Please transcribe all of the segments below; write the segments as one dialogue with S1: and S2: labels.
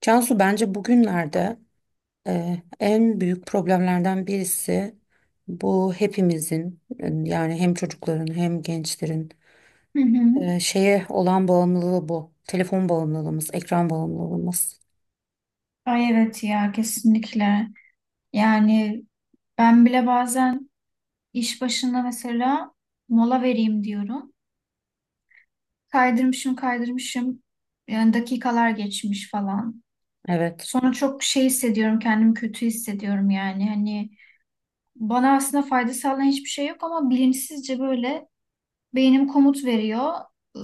S1: Cansu bence bugünlerde en büyük problemlerden birisi bu hepimizin yani hem çocukların hem gençlerin
S2: Hı hı.
S1: şeye olan bağımlılığı bu. Telefon bağımlılığımız, ekran bağımlılığımız.
S2: Ay evet ya kesinlikle. Yani ben bile bazen iş başında mesela mola vereyim diyorum. Kaydırmışım. Yani dakikalar geçmiş falan.
S1: Evet.
S2: Sonra çok şey hissediyorum kendimi kötü hissediyorum yani. Hani bana aslında fayda sağlayan hiçbir şey yok ama bilinçsizce böyle beynim komut veriyor. Iı,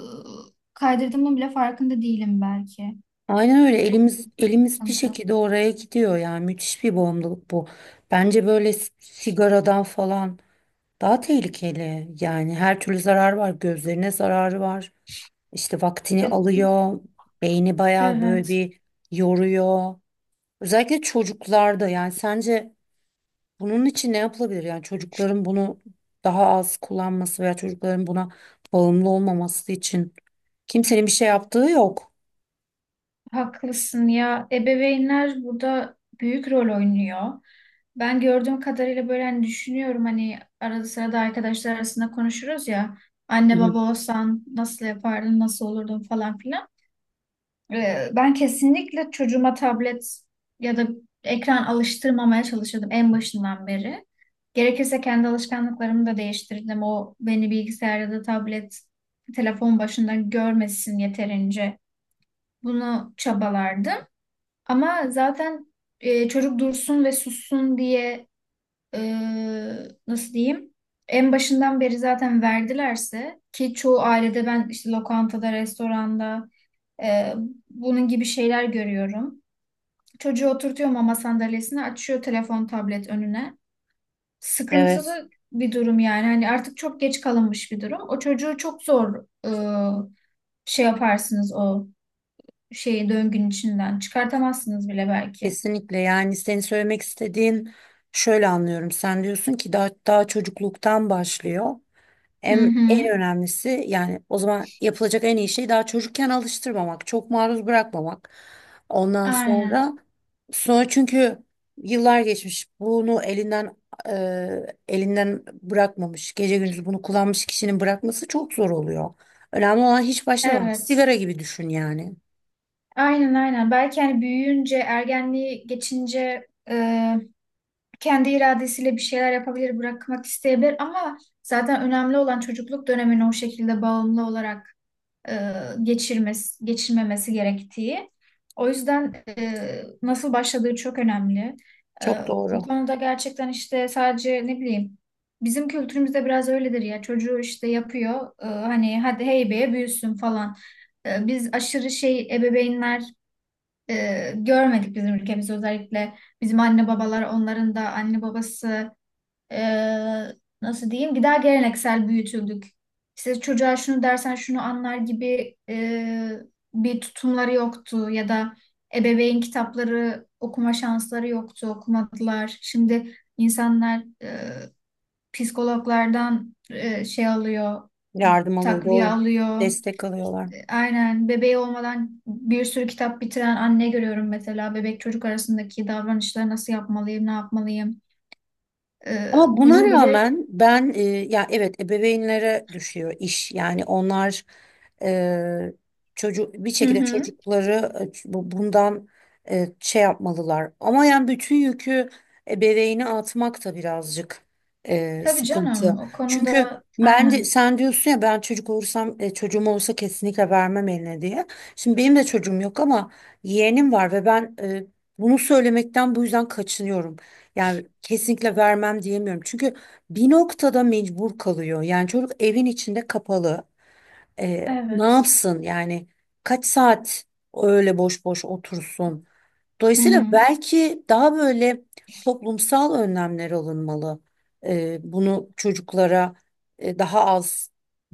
S2: Kaydırdığımın bile farkında değilim belki.
S1: Aynen öyle
S2: Çok
S1: elimiz bir
S2: sıkıntı.
S1: şekilde oraya gidiyor yani müthiş bir bağımlılık bu. Bence böyle sigaradan falan daha tehlikeli yani her türlü zarar var, gözlerine zararı var. İşte vaktini alıyor. Beyni bayağı böyle
S2: Evet.
S1: bir yoruyor. Özellikle çocuklarda, yani sence bunun için ne yapılabilir? Yani çocukların bunu daha az kullanması veya çocukların buna bağımlı olmaması için kimsenin bir şey yaptığı yok.
S2: Haklısın ya. Ebeveynler burada büyük rol oynuyor. Ben gördüğüm kadarıyla böyle hani düşünüyorum hani arada sırada arkadaşlar arasında konuşuruz ya.
S1: Hı
S2: Anne
S1: hı.
S2: baba olsan nasıl yapardın, nasıl olurdun falan filan. Ben kesinlikle çocuğuma tablet ya da ekran alıştırmamaya çalışırdım en başından beri. Gerekirse kendi alışkanlıklarımı da değiştirdim. O beni bilgisayar ya da tablet, telefon başında görmesin yeterince. Bunu çabalardım. Ama zaten çocuk dursun ve sussun diye e, nasıl diyeyim? En başından beri zaten verdilerse ki çoğu ailede ben işte lokantada, restoranda e, bunun gibi şeyler görüyorum. Çocuğu oturtuyor mama sandalyesine, açıyor telefon, tablet önüne.
S1: Evet,
S2: Sıkıntılı bir durum yani. Hani artık çok geç kalınmış bir durum. O çocuğu çok zor şey yaparsınız o şeyi döngünün içinden. Çıkartamazsınız bile belki.
S1: kesinlikle. Yani senin söylemek istediğin şöyle anlıyorum. Sen diyorsun ki daha çocukluktan başlıyor.
S2: Hı
S1: Em-
S2: hı.
S1: En önemlisi, yani o zaman yapılacak en iyi şey daha çocukken alıştırmamak, çok maruz bırakmamak. Ondan
S2: Aynen.
S1: sonra çünkü yıllar geçmiş, bunu elinden elinden bırakmamış, gece gündüz bunu kullanmış kişinin bırakması çok zor oluyor. Önemli olan hiç başlamamak.
S2: Evet.
S1: Sigara gibi düşün yani.
S2: Aynen aynen. Belki hani büyüyünce, ergenliği geçince kendi iradesiyle bir şeyler yapabilir, bırakmak isteyebilir ama zaten önemli olan çocukluk dönemine o şekilde bağımlı olarak e, geçirmesi, geçirmemesi gerektiği. O yüzden nasıl başladığı çok önemli. E,
S1: Çok
S2: Bu
S1: doğru.
S2: konuda gerçekten işte sadece ne bileyim bizim kültürümüzde biraz öyledir ya çocuğu işte yapıyor hani hadi heybeye büyüsün falan. Biz aşırı şey ebeveynler görmedik bizim ülkemizde özellikle bizim anne babalar onların da anne babası eee, nasıl diyeyim bir daha geleneksel büyütüldük. İşte çocuğa şunu dersen şunu anlar gibi bir tutumları yoktu ya da ebeveyn kitapları okuma şansları yoktu okumadılar. Şimdi insanlar psikologlardan şey alıyor
S1: Yardım alıyor,
S2: takviye
S1: doğru.
S2: alıyor.
S1: Destek alıyorlar.
S2: Aynen bebeği olmadan bir sürü kitap bitiren anne görüyorum mesela. Bebek çocuk arasındaki davranışları nasıl yapmalıyım, ne yapmalıyım.
S1: Ama buna
S2: Bunun bile.
S1: rağmen ben ya evet, ebeveynlere düşüyor iş. Yani onlar e, çocuk bir
S2: Hı
S1: şekilde
S2: hı.
S1: çocukları bundan şey yapmalılar. Ama yani bütün yükü ebeveyni atmak da birazcık
S2: Tabii
S1: sıkıntı.
S2: canım o
S1: Çünkü
S2: konuda
S1: bence
S2: aynen.
S1: sen diyorsun ya, ben çocuk olursam çocuğum olursa kesinlikle vermem eline diye. Şimdi benim de çocuğum yok ama yeğenim var ve ben bunu söylemekten bu yüzden kaçınıyorum. Yani kesinlikle vermem diyemiyorum. Çünkü bir noktada mecbur kalıyor. Yani çocuk evin içinde kapalı. Ne
S2: Evet.
S1: yapsın yani? Kaç saat öyle boş boş otursun?
S2: Hı
S1: Dolayısıyla
S2: hı.
S1: belki daha böyle toplumsal önlemler alınmalı. Bunu çocuklara daha az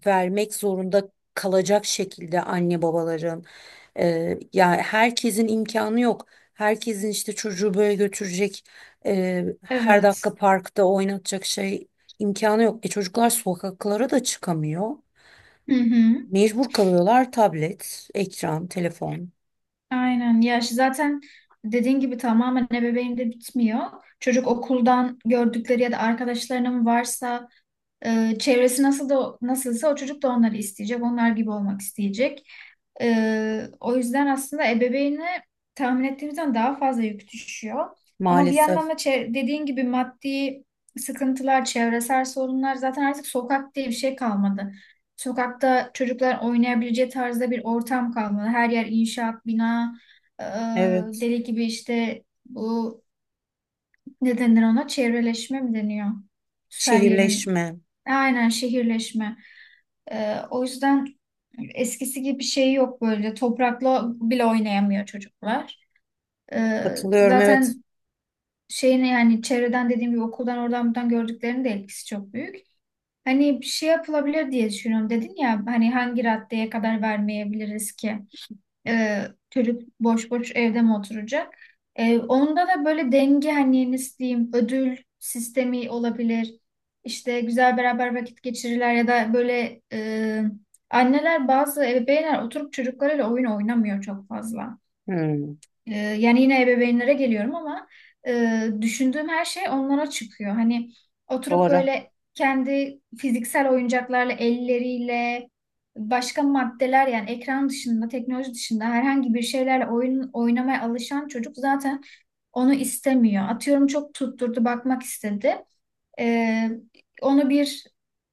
S1: vermek zorunda kalacak şekilde anne babaların. Yani herkesin imkanı yok. Herkesin işte çocuğu böyle götürecek, her
S2: Evet.
S1: dakika parkta oynatacak şey imkanı yok. E çocuklar sokaklara da çıkamıyor.
S2: Hı hı.
S1: Mecbur kalıyorlar, tablet, ekran, telefon.
S2: Aynen. Ya şu zaten dediğin gibi tamamen ebeveynde bitmiyor. Çocuk okuldan gördükleri ya da arkadaşlarının varsa çevresi nasıl da nasılsa o çocuk da onları isteyecek. Onlar gibi olmak isteyecek. O yüzden aslında ebeveyne tahmin ettiğimizden daha fazla yük düşüyor. Ama bir
S1: Maalesef.
S2: yandan da dediğin gibi maddi sıkıntılar, çevresel sorunlar zaten artık sokak diye bir şey kalmadı. Sokakta çocuklar oynayabileceği tarzda bir ortam kalmadı. Her yer inşaat, bina, e,
S1: Evet.
S2: deli gibi işte bu ne denir ona? Çevreleşme mi deniyor? Her yerin.
S1: Şehirleşme.
S2: Aynen şehirleşme. O yüzden eskisi gibi bir şey yok böyle. Toprakla bile oynayamıyor çocuklar. Ee,
S1: Katılıyorum, evet.
S2: Zaten şeyini yani çevreden dediğim gibi okuldan oradan buradan gördüklerinin de etkisi çok büyük. Hani bir şey yapılabilir diye düşünüyorum dedin ya hani hangi raddeye kadar vermeyebiliriz ki? Çocuk boş boş evde mi oturacak? Onda da böyle denge hani nasıl diyeyim ödül sistemi olabilir. İşte güzel beraber vakit geçirirler ya da böyle anneler bazı ebeveynler oturup çocuklarıyla oyun oynamıyor çok fazla.
S1: Hmm,
S2: Yani yine ebeveynlere geliyorum ama düşündüğüm her şey onlara çıkıyor. Hani oturup
S1: doğru.
S2: böyle kendi fiziksel oyuncaklarla, elleriyle, başka maddeler yani ekran dışında, teknoloji dışında herhangi bir şeylerle oyun oynamaya alışan çocuk zaten onu istemiyor. Atıyorum çok tutturdu, bakmak istedi. Ee, Onu bir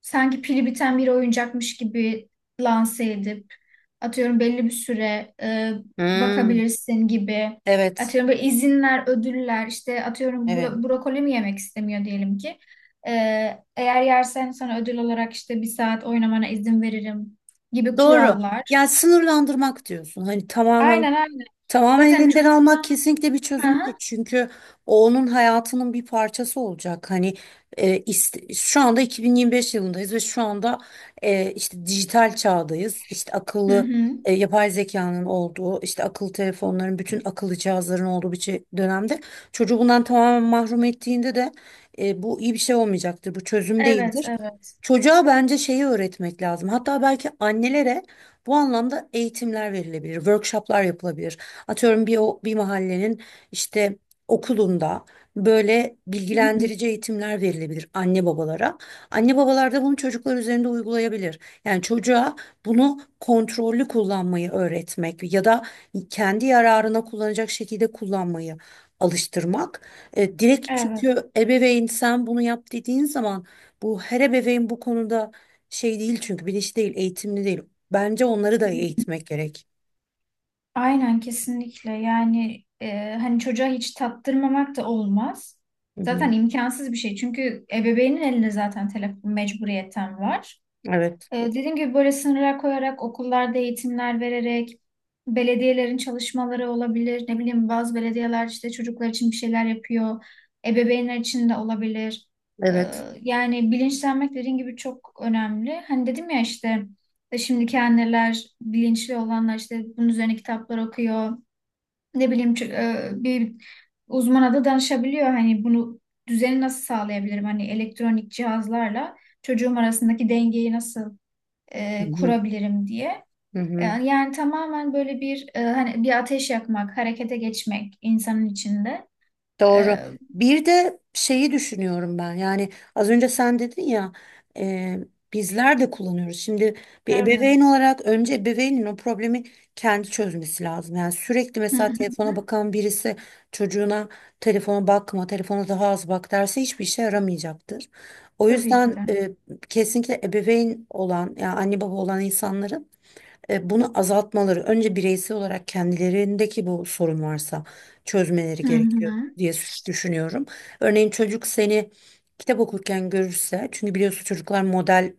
S2: sanki pili biten bir oyuncakmış gibi lanse edip atıyorum belli bir süre
S1: Hmm,
S2: bakabilirsin gibi
S1: evet.
S2: atıyorum böyle izinler, ödüller işte atıyorum
S1: Evet.
S2: brokoli mi yemek istemiyor diyelim ki. Eğer yersen sana ödül olarak işte bir saat oynamana izin veririm gibi
S1: Doğru.
S2: kurallar.
S1: Yani sınırlandırmak diyorsun. Hani tamamen,
S2: Aynen aynen.
S1: tamamen
S2: Zaten
S1: elinden almak
S2: çocuktan...
S1: kesinlikle bir
S2: Hı
S1: çözüm değil.
S2: hı.
S1: Çünkü o onun hayatının bir parçası olacak. Hani şu anda 2025 yılındayız ve şu anda işte dijital çağdayız. İşte
S2: Hı
S1: akıllı
S2: hı.
S1: yapay zekanın olduğu, işte akıllı telefonların, bütün akıllı cihazların olduğu bir dönemde çocuğu bundan tamamen mahrum ettiğinde de bu iyi bir şey olmayacaktır. Bu çözüm
S2: Evet,
S1: değildir.
S2: evet.
S1: Çocuğa bence şeyi öğretmek lazım. Hatta belki annelere bu anlamda eğitimler verilebilir, workshoplar yapılabilir. Atıyorum bir mahallenin işte okulunda böyle
S2: Hı hı.
S1: bilgilendirici eğitimler verilebilir anne babalara. Anne babalar da bunu çocuklar üzerinde uygulayabilir. Yani çocuğa bunu kontrollü kullanmayı öğretmek ya da kendi yararına kullanacak şekilde kullanmayı alıştırmak. Direkt
S2: Evet.
S1: çünkü ebeveyn sen bunu yap dediğin zaman bu her ebeveyn bu konuda şey değil, çünkü bilinçli değil, eğitimli değil. Bence onları da eğitmek gerek.
S2: Aynen kesinlikle yani hani çocuğa hiç tattırmamak da olmaz.
S1: Hı
S2: Zaten
S1: hı.
S2: imkansız bir şey çünkü ebeveynin elinde zaten telefon mecburiyetten var.
S1: Evet,
S2: Dediğim gibi böyle sınırlar koyarak, okullarda eğitimler vererek, belediyelerin çalışmaları olabilir. Ne bileyim bazı belediyeler işte çocuklar için bir şeyler yapıyor. Ebeveynler için de olabilir. Ee,
S1: evet.
S2: Yani bilinçlenmek dediğim gibi çok önemli. Hani dedim ya işte şimdiki anneler, bilinçli olanlar işte bunun üzerine kitaplar okuyor. Ne bileyim bir uzmana da danışabiliyor. Hani bunu düzeni nasıl sağlayabilirim? Hani elektronik cihazlarla çocuğum arasındaki dengeyi nasıl
S1: Hı hı,
S2: kurabilirim diye.
S1: hı hı.
S2: Yani, yani tamamen böyle bir hani bir ateş yakmak, harekete geçmek insanın içinde. E,
S1: Doğru. Bir de şeyi düşünüyorum ben. Yani az önce sen dedin ya, e, bizler de kullanıyoruz. Şimdi bir
S2: evet.
S1: ebeveyn olarak önce ebeveynin o problemi kendi çözmesi lazım. Yani sürekli
S2: Hı
S1: mesela
S2: hı,
S1: telefona bakan birisi çocuğuna telefona bakma, telefona daha az bak derse hiçbir işe yaramayacaktır. O
S2: tabii ki
S1: yüzden
S2: de.
S1: kesinlikle ebeveyn olan yani anne baba olan insanların bunu azaltmaları, önce bireysel olarak kendilerindeki bu sorun varsa çözmeleri
S2: Hı
S1: gerekiyor
S2: hı.
S1: diye düşünüyorum. Örneğin çocuk seni kitap okurken görürse, çünkü biliyorsun çocuklar model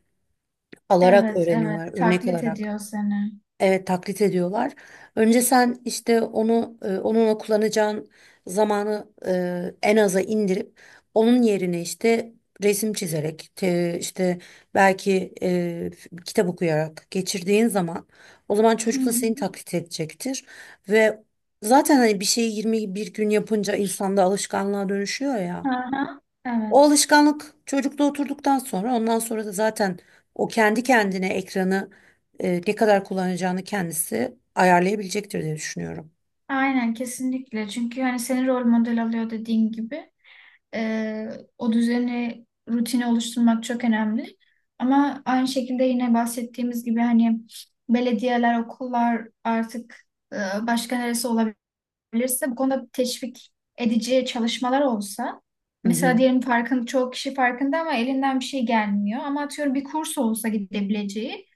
S1: alarak
S2: Evet, evet.
S1: öğreniyorlar, örnek
S2: Taklit
S1: alarak.
S2: ediyor seni.
S1: Evet, taklit ediyorlar. Önce sen işte onu onunla kullanacağın zamanı en aza indirip onun yerine işte resim çizerek işte belki kitap okuyarak geçirdiğin zaman o zaman
S2: Hı
S1: çocuk da
S2: hı.
S1: seni taklit edecektir ve zaten hani bir şeyi 21 gün yapınca insanda alışkanlığa dönüşüyor ya.
S2: Aha,
S1: O
S2: evet.
S1: alışkanlık çocukta oturduktan sonra ondan sonra da zaten o kendi kendine ekranı ne kadar kullanacağını kendisi ayarlayabilecektir diye düşünüyorum.
S2: Aynen kesinlikle. Çünkü hani seni rol model alıyor dediğin gibi. Ee, O düzeni, rutini oluşturmak çok önemli. Ama aynı şekilde yine bahsettiğimiz gibi hani belediyeler, okullar artık e, başka neresi olabilirse bu konuda teşvik edici çalışmalar olsa
S1: Hı hı.
S2: mesela diyelim farkın çoğu kişi farkında ama elinden bir şey gelmiyor ama atıyorum bir kurs olsa gidebileceği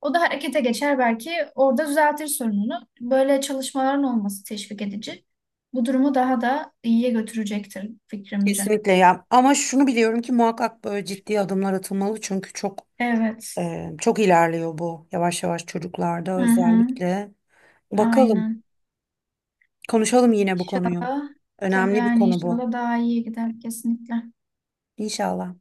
S2: o da harekete geçer belki orada düzeltir sorununu. Böyle çalışmaların olması teşvik edici. Bu durumu daha da iyiye götürecektir fikrimce.
S1: Kesinlikle ya. Ama şunu biliyorum ki muhakkak böyle ciddi adımlar atılmalı çünkü çok.
S2: Evet.
S1: Çok ilerliyor bu yavaş yavaş,
S2: Hı
S1: çocuklarda
S2: hı.
S1: özellikle. Bakalım,
S2: Aynen.
S1: konuşalım yine bu konuyu.
S2: İnşallah. Tabii
S1: Önemli bir
S2: yani
S1: konu bu.
S2: inşallah daha iyi gider kesinlikle.
S1: İnşallah.